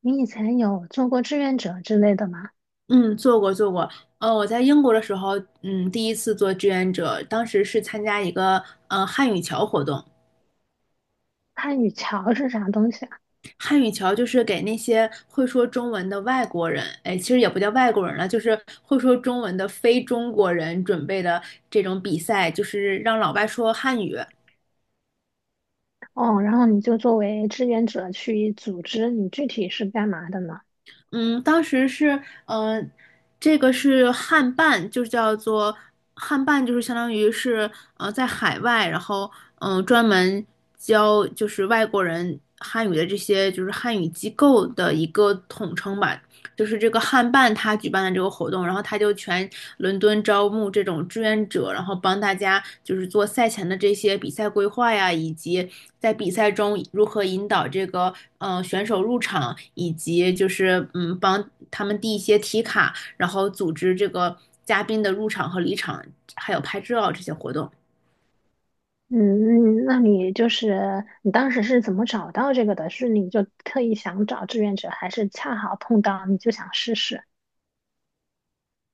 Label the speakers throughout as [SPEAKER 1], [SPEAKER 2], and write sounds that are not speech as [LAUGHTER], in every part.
[SPEAKER 1] 你以前有做过志愿者之类的吗？
[SPEAKER 2] 嗯，做过做过。我在英国的时候，第一次做志愿者，当时是参加一个汉语桥活动。
[SPEAKER 1] 汉语桥是啥东西啊？
[SPEAKER 2] 汉语桥就是给那些会说中文的外国人，哎，其实也不叫外国人了，就是会说中文的非中国人准备的这种比赛，就是让老外说汉语。
[SPEAKER 1] 哦，然后你就作为志愿者去组织，你具体是干嘛的呢？
[SPEAKER 2] 嗯，当时是，这个是汉办，就叫做汉办，就是相当于是，在海外，然后，专门教就是外国人汉语的这些就是汉语机构的一个统称吧。就是这个汉办他举办的这个活动，然后他就全伦敦招募这种志愿者，然后帮大家就是做赛前的这些比赛规划呀，以及在比赛中如何引导这个选手入场，以及就是帮他们递一些题卡，然后组织这个嘉宾的入场和离场，还有拍照这些活动。
[SPEAKER 1] 嗯，那你就是你当时是怎么找到这个的？是你就特意想找志愿者，还是恰好碰到你就想试试？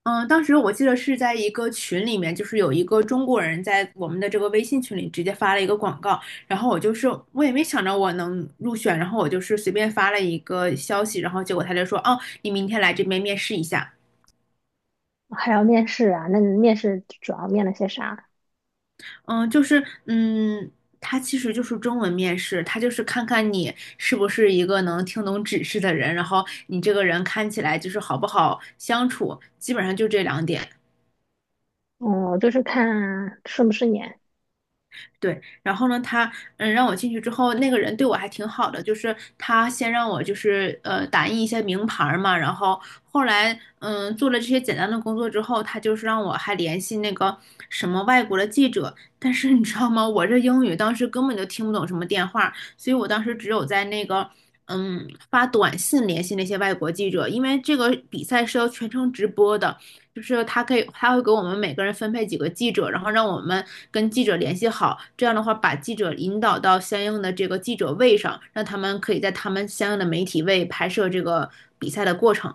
[SPEAKER 2] 嗯，当时我记得是在一个群里面，就是有一个中国人在我们的这个微信群里直接发了一个广告，然后我就是我也没想着我能入选，然后我就是随便发了一个消息，然后结果他就说，哦，你明天来这边面试一下。
[SPEAKER 1] 还要面试啊？那你面试主要面了些啥？
[SPEAKER 2] 嗯，就是他其实就是中文面试，他就是看看你是不是一个能听懂指示的人，然后你这个人看起来就是好不好相处，基本上就这两点。
[SPEAKER 1] 哦，就是看顺不顺眼。
[SPEAKER 2] 对，然后呢，他让我进去之后，那个人对我还挺好的，就是他先让我就是打印一些名牌儿嘛，然后后来做了这些简单的工作之后，他就是让我还联系那个什么外国的记者，但是你知道吗，我这英语当时根本就听不懂什么电话，所以我当时只有在那个发短信联系那些外国记者，因为这个比赛是要全程直播的。就是他可以，他会给我们每个人分配几个记者，然后让我们跟记者联系好。这样的话，把记者引导到相应的这个记者位上，让他们可以在他们相应的媒体位拍摄这个比赛的过程。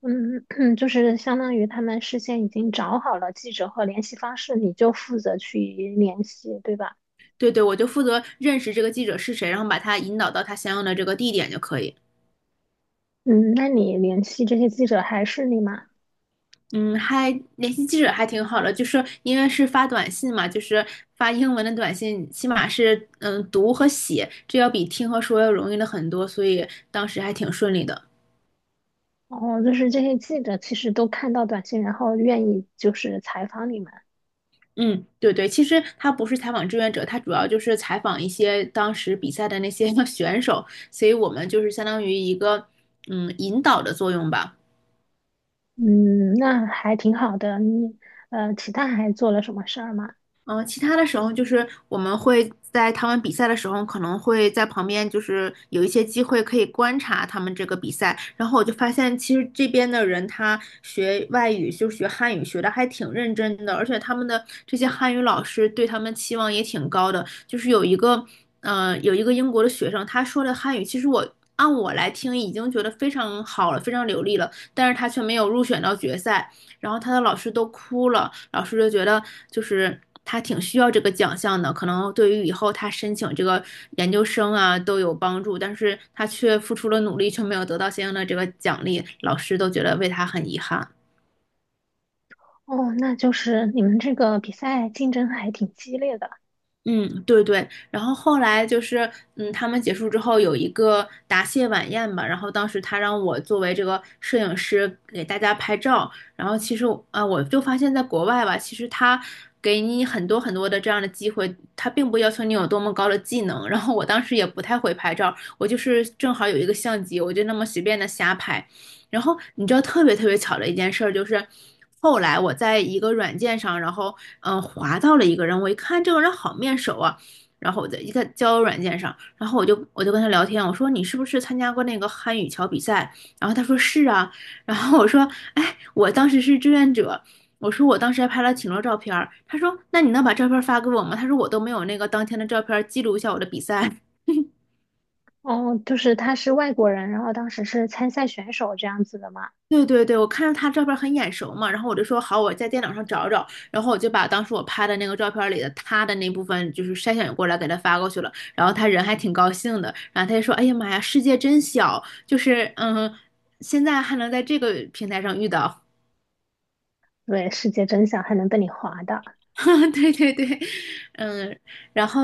[SPEAKER 1] 嗯，[CLEARS THROAT] 就是相当于他们事先已经找好了记者和联系方式，你就负责去联系，对吧？
[SPEAKER 2] 对对，我就负责认识这个记者是谁，然后把他引导到他相应的这个地点就可以。
[SPEAKER 1] 嗯，那你联系这些记者还是你吗？
[SPEAKER 2] 嗯，还联系记者还挺好的，就是因为是发短信嘛，就是发英文的短信，起码是读和写，这要比听和说要容易了很多，所以当时还挺顺利的。
[SPEAKER 1] 哦，就是这些记者其实都看到短信，然后愿意就是采访你们。
[SPEAKER 2] 嗯，对对，其实他不是采访志愿者，他主要就是采访一些当时比赛的那些 [LAUGHS] 选手，所以我们就是相当于一个引导的作用吧。
[SPEAKER 1] 嗯，那还挺好的。你其他还做了什么事儿吗？
[SPEAKER 2] 嗯，其他的时候就是我们会在他们比赛的时候，可能会在旁边，就是有一些机会可以观察他们这个比赛。然后我就发现，其实这边的人他学外语，就是学汉语，学的还挺认真的，而且他们的这些汉语老师对他们期望也挺高的。就是有一个英国的学生，他说的汉语，其实我按我来听已经觉得非常好了，非常流利了，但是他却没有入选到决赛。然后他的老师都哭了，老师就觉得就是他挺需要这个奖项的，可能对于以后他申请这个研究生啊都有帮助，但是他却付出了努力，却没有得到相应的这个奖励，老师都觉得为他很遗憾。
[SPEAKER 1] 哦，那就是你们这个比赛竞争还挺激烈的。
[SPEAKER 2] 嗯，对对，然后后来就是，他们结束之后有一个答谢晚宴吧，然后当时他让我作为这个摄影师给大家拍照，然后其实我啊，我就发现在国外吧，其实他给你很多很多的这样的机会，他并不要求你有多么高的技能，然后我当时也不太会拍照，我就是正好有一个相机，我就那么随便的瞎拍，然后你知道特别特别巧的一件事儿，就是后来我在一个软件上，然后滑到了一个人，我一看这个人好面熟啊，然后我在一个交友软件上，然后我就跟他聊天，我说你是不是参加过那个汉语桥比赛？然后他说是啊，然后我说哎，我当时是志愿者。我说我当时还拍了挺多照片儿，他说那你能把照片儿发给我吗？他说我都没有那个当天的照片儿记录一下我的比赛。
[SPEAKER 1] 哦，就是他是外国人，然后当时是参赛选手这样子的嘛？
[SPEAKER 2] 对对对，我看着他照片很眼熟嘛，然后我就说好，我在电脑上找找，然后我就把当时我拍的那个照片里的他的那部分就是筛选过来给他发过去了，然后他人还挺高兴的，然后他就说，哎呀妈呀，世界真小，就是现在还能在这个平台上遇到。
[SPEAKER 1] 对，世界真相还能被你划到。
[SPEAKER 2] [LAUGHS] 对对对，嗯，然后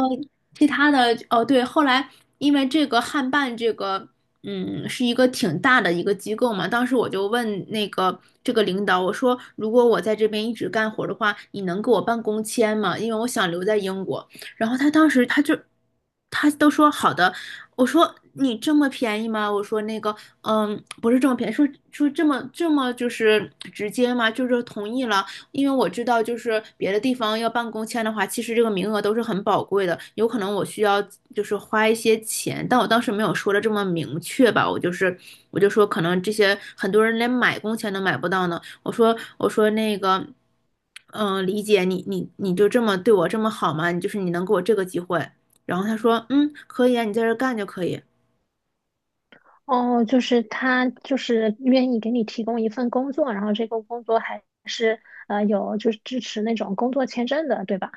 [SPEAKER 2] 其他的哦，对，后来因为这个汉办这个，是一个挺大的一个机构嘛，当时我就问那个这个领导，我说如果我在这边一直干活的话，你能给我办工签吗？因为我想留在英国。然后他当时他都说好的，我说你这么便宜吗？我说那个，不是这么便宜，说这么就是直接吗？就是同意了。因为我知道就是别的地方要办公签的话，其实这个名额都是很宝贵的，有可能我需要就是花一些钱，但我当时没有说的这么明确吧，我就是我就说可能这些很多人连买工签都买不到呢，我说那个。李姐，你就这么对我这么好吗？你就是你能给我这个机会，然后他说，嗯，可以啊，你在这儿干就可以。
[SPEAKER 1] 哦，就是他就是愿意给你提供一份工作，然后这个工作还是有就是支持那种工作签证的，对吧？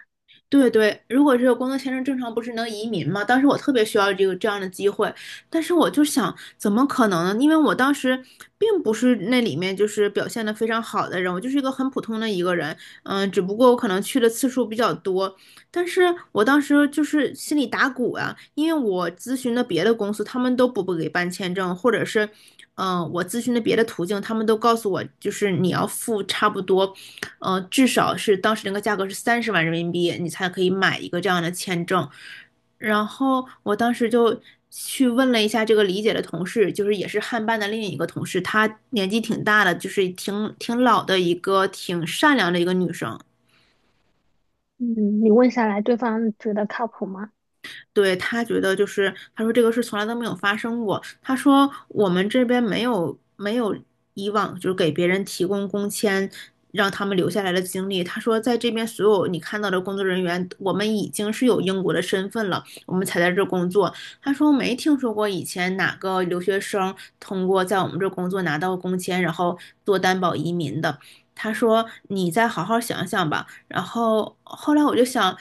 [SPEAKER 2] 对对，如果这个工作签证，正常不是能移民吗？当时我特别需要这个这样的机会，但是我就想，怎么可能呢？因为我当时并不是那里面就是表现的非常好的人，我就是一个很普通的一个人，只不过我可能去的次数比较多，但是我当时就是心里打鼓啊，因为我咨询的别的公司，他们都不给办签证，或者是我咨询的别的途径，他们都告诉我，就是你要付差不多，至少是当时那个价格是30万人民币，你才可以买一个这样的签证。然后我当时就去问了一下这个李姐的同事，就是也是汉办的另一个同事，她年纪挺大的，就是挺老的一个挺善良的一个女生。
[SPEAKER 1] 嗯，你问下来，对方觉得靠谱吗？
[SPEAKER 2] 对，他觉得就是，他说这个事从来都没有发生过。他说我们这边没有以往就是给别人提供工签让他们留下来的经历。他说在这边所有你看到的工作人员，我们已经是有英国的身份了，我们才在这工作。他说没听说过以前哪个留学生通过在我们这工作拿到工签，然后做担保移民的。他说：“你再好好想想吧。”然后后来我就想，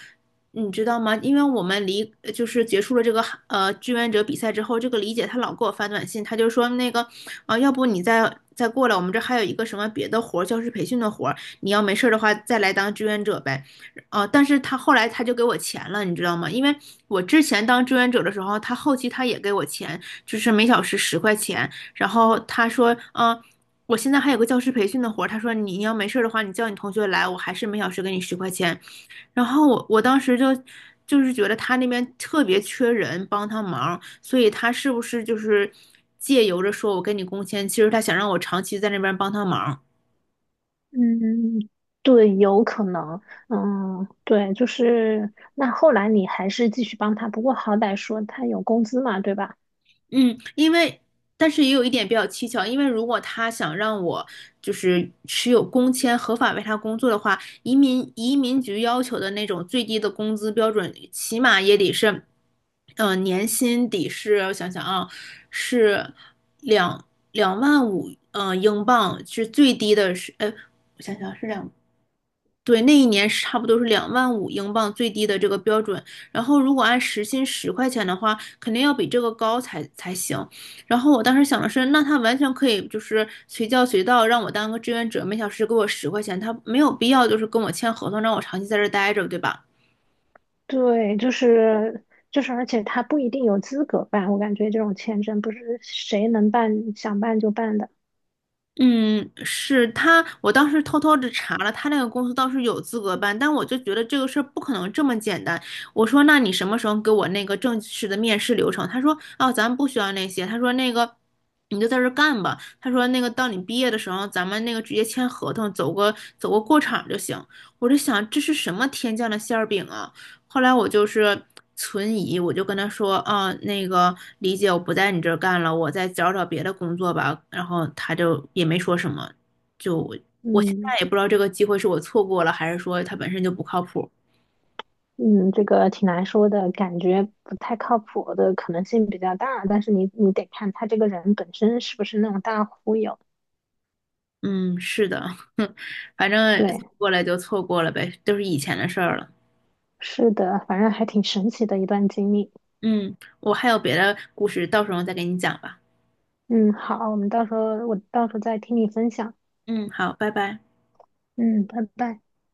[SPEAKER 2] 你知道吗？因为我们就是结束了这个志愿者比赛之后，这个李姐她老给我发短信，她就说那个啊、要不你再过来，我们这还有一个什么别的活儿，教师培训的活儿，你要没事儿的话再来当志愿者呗。啊，但是她后来她就给我钱了，你知道吗？因为我之前当志愿者的时候，她后期她也给我钱，就是每小时十块钱。然后她说，我现在还有个教师培训的活儿，她说你要没事儿的话，你叫你同学来，我还是每小时给你十块钱。然后我当时就是觉得他那边特别缺人帮他忙，所以他是不是就是借由着说我跟你工签，其实他想让我长期在那边帮他忙。
[SPEAKER 1] 嗯，对，有可能。嗯，对，就是那后来你还是继续帮他，不过好歹说他有工资嘛，对吧？
[SPEAKER 2] 嗯，但是也有一点比较蹊跷，因为如果他想让我就是持有工签合法为他工作的话，移民局要求的那种最低的工资标准，起码也得是，年薪得是，我想想啊，是两两万五，英镑是最低的是，我想想，对，那一年是差不多是两万五英镑最低的这个标准，然后如果按时薪十块钱的话，肯定要比这个高才行。然后我当时想的是，那他完全可以就是随叫随到，让我当个志愿者，每小时给我十块钱，他没有必要就是跟我签合同，让我长期在这儿待着，对吧？
[SPEAKER 1] 对，而且他不一定有资格办，我感觉这种签证不是谁能办想办就办的。
[SPEAKER 2] 嗯，是他，我当时偷偷的查了，他那个公司倒是有资格办，但我就觉得这个事儿不可能这么简单。我说，那你什么时候给我那个正式的面试流程？他说，哦，咱们不需要那些。他说，那个你就在这儿干吧。他说，那个到你毕业的时候，咱们那个直接签合同，走个过场就行。我就想，这是什么天降的馅儿饼啊？后来我就是存疑，我就跟他说，啊，那个李姐，我不在你这儿干了，我再找找别的工作吧。然后他就也没说什么，就我现
[SPEAKER 1] 嗯。
[SPEAKER 2] 在也不知道这个机会是我错过了，还是说他本身就不靠谱。
[SPEAKER 1] 嗯，这个挺难说的，感觉不太靠谱的可能性比较大，但是你得看他这个人本身是不是那种大忽悠。
[SPEAKER 2] 嗯，是的，[LAUGHS] 反正错
[SPEAKER 1] 对，
[SPEAKER 2] 过来就错过了呗，都是以前的事儿了。
[SPEAKER 1] 是的，反正还挺神奇的一段经历。
[SPEAKER 2] 嗯，我还有别的故事，到时候再给你讲吧。
[SPEAKER 1] 嗯，好，我们到时候再听你分享。
[SPEAKER 2] 嗯，好，拜拜。
[SPEAKER 1] 嗯，拜拜。